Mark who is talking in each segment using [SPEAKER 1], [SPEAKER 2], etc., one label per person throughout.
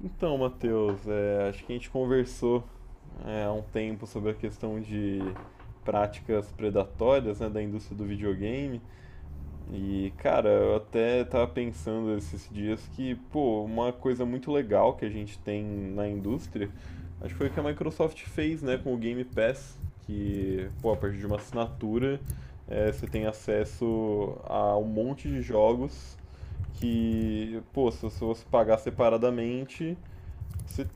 [SPEAKER 1] Então, Matheus, acho que a gente conversou há um tempo sobre a questão de práticas predatórias, né, da indústria do videogame. E, cara, eu até tava pensando esses dias que, pô, uma coisa muito legal que a gente tem na indústria, acho que foi o que a Microsoft fez, né, com o Game Pass, que, pô, a partir de uma assinatura, você tem acesso a um monte de jogos que, pô, se você pagar separadamente, você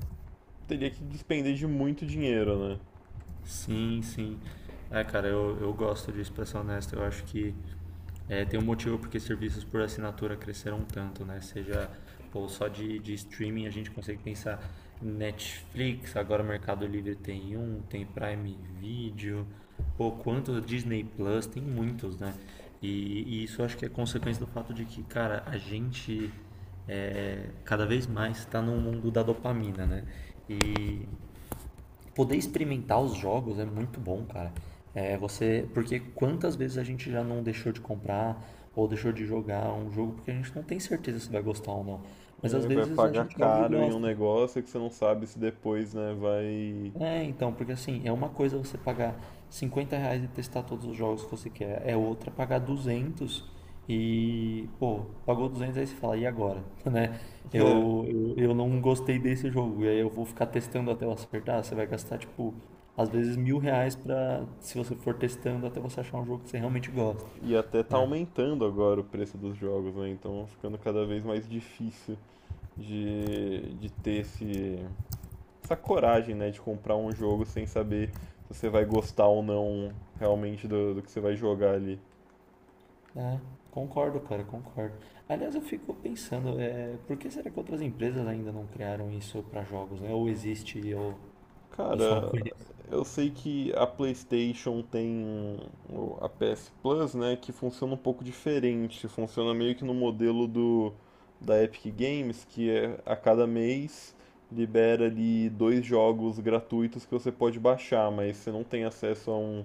[SPEAKER 1] teria que despender de muito dinheiro, né?
[SPEAKER 2] Sim, sim. É, cara, eu gosto disso, pra ser honesto. Eu acho que tem um motivo porque serviços por assinatura cresceram tanto, né? Seja, pô, só de streaming a gente consegue pensar Netflix, agora o Mercado Livre tem Prime Video, pô, quantos Disney Plus, tem muitos, né? E isso eu acho que é consequência do fato de que, cara, a gente cada vez mais está no mundo da dopamina, né? E poder experimentar os jogos é muito bom, cara. É, porque quantas vezes a gente já não deixou de comprar ou deixou de jogar um jogo porque a gente não tem certeza se vai gostar ou não. Mas às
[SPEAKER 1] É, vai
[SPEAKER 2] vezes a
[SPEAKER 1] pagar
[SPEAKER 2] gente joga e
[SPEAKER 1] caro em um
[SPEAKER 2] gosta.
[SPEAKER 1] negócio que você não sabe se depois, né, vai.
[SPEAKER 2] É, então, porque assim, é uma coisa você pagar R$ 50 e testar todos os jogos que você quer, é outra pagar 200 e, pô, pagou 200 aí você fala, e agora? Né? Eu não gostei desse jogo, e aí eu vou ficar testando até eu acertar, você vai gastar, tipo, às vezes R$ 1.000 pra, se você for testando até você achar um jogo que você realmente gosta,
[SPEAKER 1] E até tá
[SPEAKER 2] né?
[SPEAKER 1] aumentando agora o preço dos jogos, né? Então ficando cada vez mais difícil de ter essa coragem, né, de comprar um jogo sem saber se você vai gostar ou não realmente do que você vai jogar ali.
[SPEAKER 2] É, Concordo, cara, concordo. Aliás, eu fico pensando, por que será que outras empresas ainda não criaram isso para jogos, né? Ou existe, ou eu só não
[SPEAKER 1] Cara,
[SPEAKER 2] conheço.
[SPEAKER 1] eu sei que a PlayStation tem a PS Plus, né, que funciona um pouco diferente. Funciona meio que no modelo do da Epic Games, que é a cada mês libera ali dois jogos gratuitos que você pode baixar, mas você não tem acesso a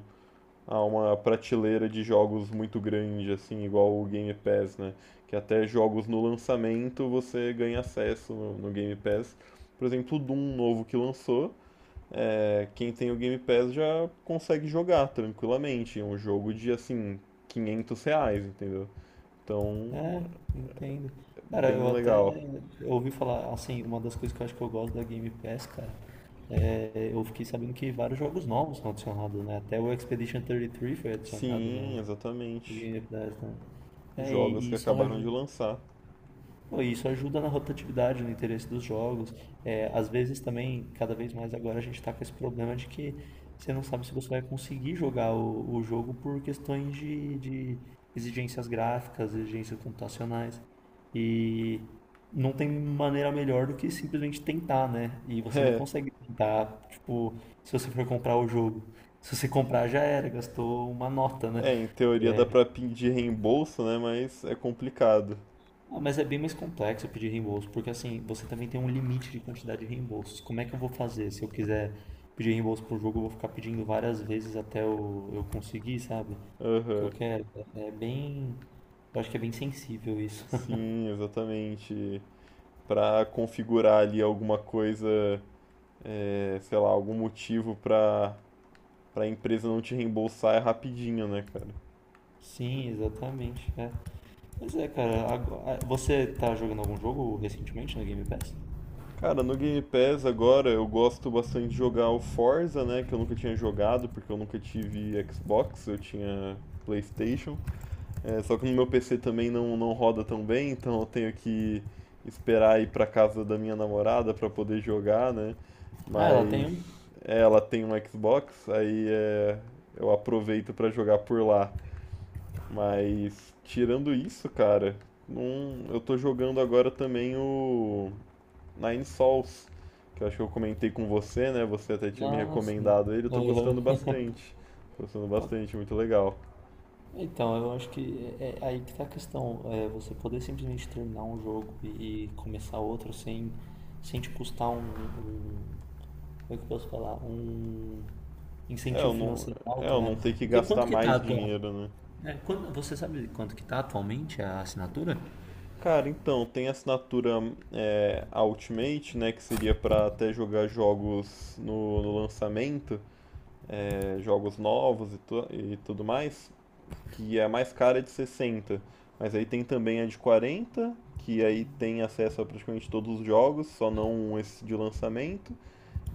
[SPEAKER 1] a uma prateleira de jogos muito grande assim, igual o Game Pass, né? Que até jogos no lançamento você ganha acesso no Game Pass. Por exemplo, o Doom novo que lançou. É, quem tem o Game Pass já consegue jogar tranquilamente. É um jogo de assim, R$ 500, entendeu? Então,
[SPEAKER 2] É, entendo.
[SPEAKER 1] é
[SPEAKER 2] Cara,
[SPEAKER 1] bem
[SPEAKER 2] eu até
[SPEAKER 1] legal.
[SPEAKER 2] ouvi falar, assim, uma das coisas que eu acho que eu gosto da Game Pass, cara, é, eu fiquei sabendo que vários jogos novos são adicionados, né? Até o Expedition 33 foi adicionado
[SPEAKER 1] Sim,
[SPEAKER 2] no, no
[SPEAKER 1] exatamente.
[SPEAKER 2] Game Pass, né? É,
[SPEAKER 1] Jogos
[SPEAKER 2] e
[SPEAKER 1] que acabaram de lançar.
[SPEAKER 2] pô, isso ajuda na rotatividade, no interesse dos jogos. É, às vezes também, cada vez mais agora, a gente está com esse problema de que você não sabe se você vai conseguir jogar o jogo por questões de exigências gráficas, exigências computacionais. E não tem maneira melhor do que simplesmente tentar, né? E você não consegue tentar, tipo, se você for comprar o jogo. Se você comprar, já era, gastou uma nota, né?
[SPEAKER 1] É, é, em teoria dá pra pedir reembolso, né? Mas é complicado.
[SPEAKER 2] Ah, mas é bem mais complexo pedir reembolso, porque assim, você também tem um limite de quantidade de reembolsos. Como é que eu vou fazer? Se eu quiser pedir reembolso pro jogo, eu vou ficar pedindo várias vezes até eu conseguir, sabe? O que eu
[SPEAKER 1] Aham.
[SPEAKER 2] quero. É, é bem. Eu acho que é bem sensível isso.
[SPEAKER 1] Sim, exatamente. Pra configurar ali alguma coisa, sei lá, algum motivo pra empresa não te reembolsar é rapidinho, né, cara?
[SPEAKER 2] Sim, exatamente. É. Mas é, cara, você tá jogando algum jogo recentemente na Game Pass?
[SPEAKER 1] Cara, no Game Pass agora eu gosto bastante de jogar o Forza, né? Que eu nunca tinha jogado porque eu nunca tive Xbox, eu tinha PlayStation. É, só que no meu PC também não roda tão bem, então eu tenho que esperar ir pra casa da minha namorada pra poder jogar, né?
[SPEAKER 2] Ah, ela
[SPEAKER 1] Mas
[SPEAKER 2] tem
[SPEAKER 1] é, ela tem um Xbox, aí é, eu aproveito pra jogar por lá. Mas tirando isso, cara, não, eu tô jogando agora também o. Nine Sols, que eu acho que eu comentei com você, né? Você até
[SPEAKER 2] um?
[SPEAKER 1] tinha me
[SPEAKER 2] Ah, sim.
[SPEAKER 1] recomendado ele, eu tô gostando
[SPEAKER 2] Aham.
[SPEAKER 1] bastante. Tô gostando bastante, muito legal.
[SPEAKER 2] Então, eu acho que é aí que tá a questão. É você poder simplesmente terminar um jogo e começar outro sem te custar Como é que eu posso falar? Um
[SPEAKER 1] É,
[SPEAKER 2] incentivo
[SPEAKER 1] eu não,
[SPEAKER 2] financeiro
[SPEAKER 1] é,
[SPEAKER 2] alto,
[SPEAKER 1] eu
[SPEAKER 2] né?
[SPEAKER 1] não ter que
[SPEAKER 2] Porque
[SPEAKER 1] gastar
[SPEAKER 2] quanto que tá
[SPEAKER 1] mais
[SPEAKER 2] atual?
[SPEAKER 1] dinheiro, né?
[SPEAKER 2] Você sabe quanto que tá atualmente a assinatura?
[SPEAKER 1] Cara, então, tem a assinatura Ultimate, né, que seria pra até jogar jogos no lançamento, é, jogos novos e, e tudo mais, que é a mais cara é de 60. Mas aí tem também a de 40, que aí tem acesso a praticamente todos os jogos, só não esse de lançamento.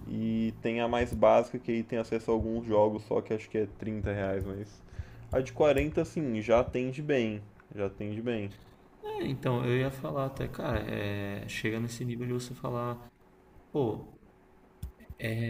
[SPEAKER 1] E tem a mais básica, que aí tem acesso a alguns jogos só, que acho que é R$ 30, mas. A de 40 assim, já atende bem. Já atende bem.
[SPEAKER 2] É, então, eu ia falar até, cara, chega nesse nível de você falar, pô,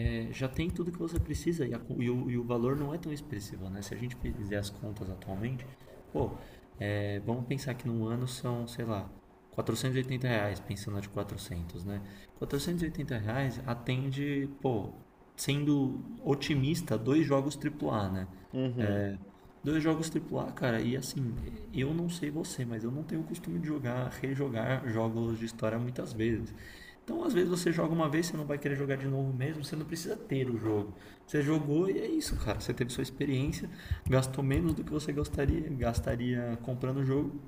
[SPEAKER 2] já tem tudo que você precisa e, e o valor não é tão expressivo, né? Se a gente fizer as contas atualmente, pô, vamos pensar que no ano são, sei lá, R$ 480, pensando de 400, né? R$ 480 atende, pô, sendo otimista, dois jogos triplo A, né?
[SPEAKER 1] Uhum.
[SPEAKER 2] Dois jogos AAA, cara, e assim, eu não sei você, mas eu não tenho o costume de jogar, rejogar jogos de história muitas vezes. Então, às vezes você joga uma vez, você não vai querer jogar de novo mesmo, você não precisa ter o jogo. Você jogou e é isso, cara. Você teve sua experiência, gastou menos do que você gostaria, gastaria comprando o jogo,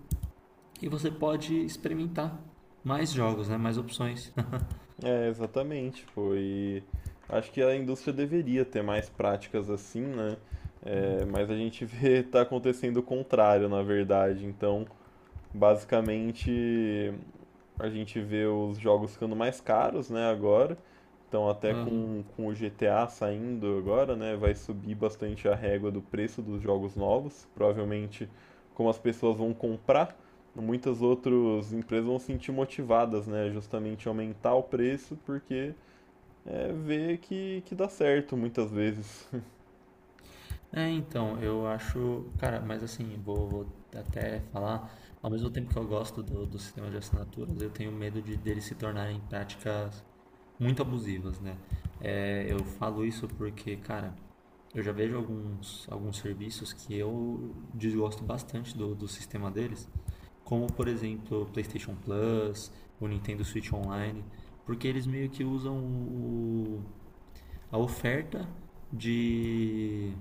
[SPEAKER 2] e você pode experimentar mais jogos, né? Mais opções.
[SPEAKER 1] É, exatamente, pô. E acho que a indústria deveria ter mais práticas assim, né? É, mas a gente vê tá acontecendo o contrário, na verdade. Então, basicamente, a gente vê os jogos ficando mais caros, né, agora. Então, até com o GTA saindo agora, né, vai subir bastante a régua do preço dos jogos novos. Provavelmente, como as pessoas vão comprar, muitas outras empresas vão se sentir motivadas, né, justamente aumentar o preço, porque é, que dá certo muitas vezes.
[SPEAKER 2] É, então, eu acho, cara, mas assim, vou até falar, ao mesmo tempo que eu gosto do sistema de assinaturas, eu tenho medo de deles se tornarem práticas muito abusivas, né? É, eu falo isso porque, cara, eu já vejo alguns serviços que eu desgosto bastante do sistema deles, como, por exemplo, o PlayStation Plus, o Nintendo Switch Online, porque eles meio que usam o a oferta de,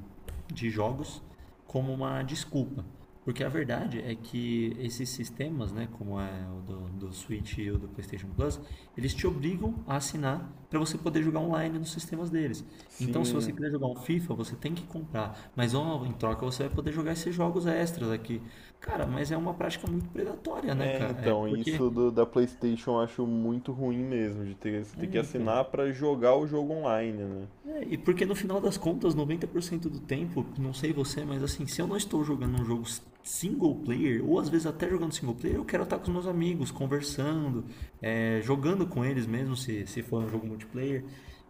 [SPEAKER 2] de jogos como uma desculpa. Porque a verdade é que esses sistemas, né, como é o do Switch e o do PlayStation Plus, eles te obrigam a assinar para você poder jogar online nos sistemas deles. Então, se você
[SPEAKER 1] Sim.
[SPEAKER 2] quiser jogar um FIFA, você tem que comprar. Mas ó, em troca você vai poder jogar esses jogos extras aqui. Cara, mas é uma prática muito predatória, né,
[SPEAKER 1] É,
[SPEAKER 2] cara? É,
[SPEAKER 1] então,
[SPEAKER 2] porque.
[SPEAKER 1] isso da PlayStation eu acho muito ruim mesmo, de ter, você
[SPEAKER 2] É,
[SPEAKER 1] ter que
[SPEAKER 2] então.
[SPEAKER 1] assinar para jogar o jogo online, né?
[SPEAKER 2] É, e porque no final das contas, 90% do tempo, não sei você, mas assim, se eu não estou jogando um jogo single player, ou às vezes até jogando single player, eu quero estar com os meus amigos, conversando, é, jogando com eles mesmo, se for um jogo multiplayer,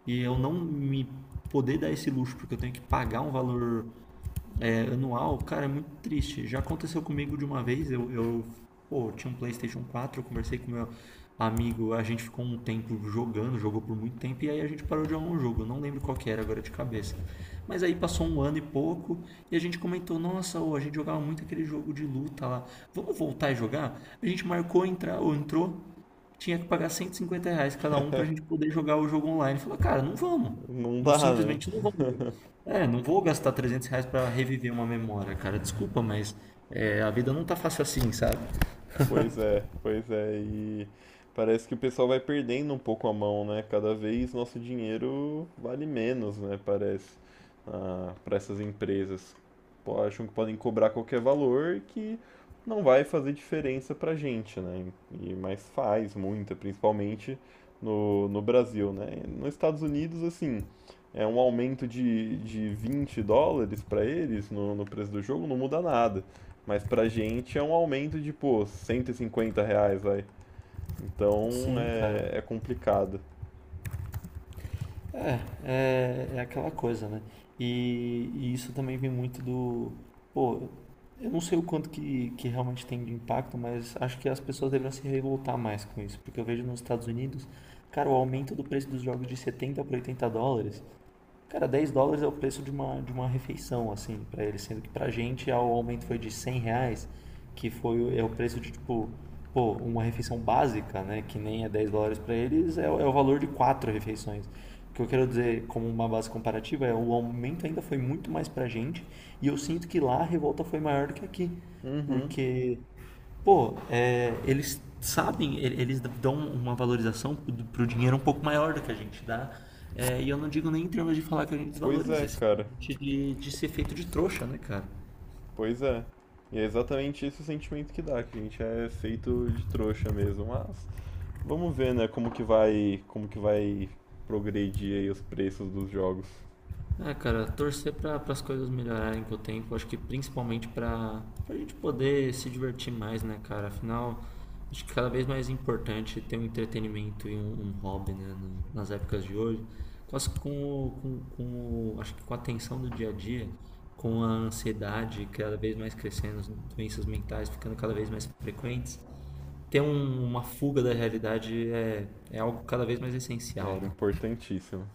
[SPEAKER 2] e eu não me poder dar esse luxo, porque eu tenho que pagar um valor anual, cara, é muito triste. Já aconteceu comigo de uma vez, eu tinha um PlayStation 4, eu conversei com meu amigo, a gente ficou um tempo jogando, jogou por muito tempo, e aí a gente parou de jogar um jogo, eu não lembro qual que era agora de cabeça. Mas aí passou um ano e pouco, e a gente comentou, nossa, ô, a gente jogava muito aquele jogo de luta lá, vamos voltar a jogar? A gente marcou, ou entrou, tinha que pagar R$ 150 cada um pra gente poder jogar o jogo online. Falei, cara, não vamos.
[SPEAKER 1] Não
[SPEAKER 2] Não,
[SPEAKER 1] dá, né?
[SPEAKER 2] simplesmente não vamos. É, não vou gastar R$ 300 pra reviver uma memória, cara. Desculpa, mas é, a vida não tá fácil assim, sabe?
[SPEAKER 1] Pois é, pois é. E parece que o pessoal vai perdendo um pouco a mão, né? Cada vez nosso dinheiro vale menos, né? Parece, ah, para essas empresas. Pô, acham que podem cobrar qualquer valor que não vai fazer diferença pra gente, né? E, mas faz muita, principalmente no Brasil, né? Nos Estados Unidos, assim, é um aumento de US$ 20 para eles no preço do jogo, não muda nada. Mas pra gente é um aumento de, pô, R$ 150, vai. Então
[SPEAKER 2] Sim, cara.
[SPEAKER 1] é, é complicado.
[SPEAKER 2] É, é, aquela coisa, né? E isso também vem muito do. Pô, eu não sei o quanto que realmente tem de impacto, mas acho que as pessoas deveriam se revoltar mais com isso. Porque eu vejo nos Estados Unidos, cara, o aumento do preço dos jogos de 70 para US$ 80. Cara, US$ 10 é o preço de uma refeição, assim, pra eles. Sendo que pra gente ah, o aumento foi de R$ 100, que foi, é o preço de, tipo, pô, uma refeição básica, né? Que nem é US$ 10 pra eles, é o valor de quatro refeições. O que eu quero dizer, como uma base comparativa, é o aumento ainda foi muito mais pra gente e eu sinto que lá a revolta foi maior do que aqui.
[SPEAKER 1] Uhum.
[SPEAKER 2] Porque pô, eles sabem, eles dão uma valorização pro dinheiro um pouco maior do que a gente dá. É, e eu não digo nem em termos de falar que a gente
[SPEAKER 1] Pois é,
[SPEAKER 2] desvaloriza, é
[SPEAKER 1] cara.
[SPEAKER 2] simplesmente de ser feito de trouxa, né, cara?
[SPEAKER 1] Pois é. E é exatamente esse o sentimento que dá, que a gente é feito de trouxa mesmo. Mas vamos ver, né, como que vai progredir aí os preços dos jogos.
[SPEAKER 2] É, cara, torcer para as coisas melhorarem com o tempo, acho que principalmente para a gente poder se divertir mais, né, cara? Afinal, acho que cada vez mais importante ter um entretenimento e um hobby, né, nas épocas de hoje. Quase com, o- com, com, o- Acho que com a tensão do dia a dia, com a ansiedade cada vez mais crescendo, as doenças mentais ficando cada vez mais frequentes, ter uma fuga da realidade é algo cada vez mais
[SPEAKER 1] É
[SPEAKER 2] essencial, né?
[SPEAKER 1] importantíssimo.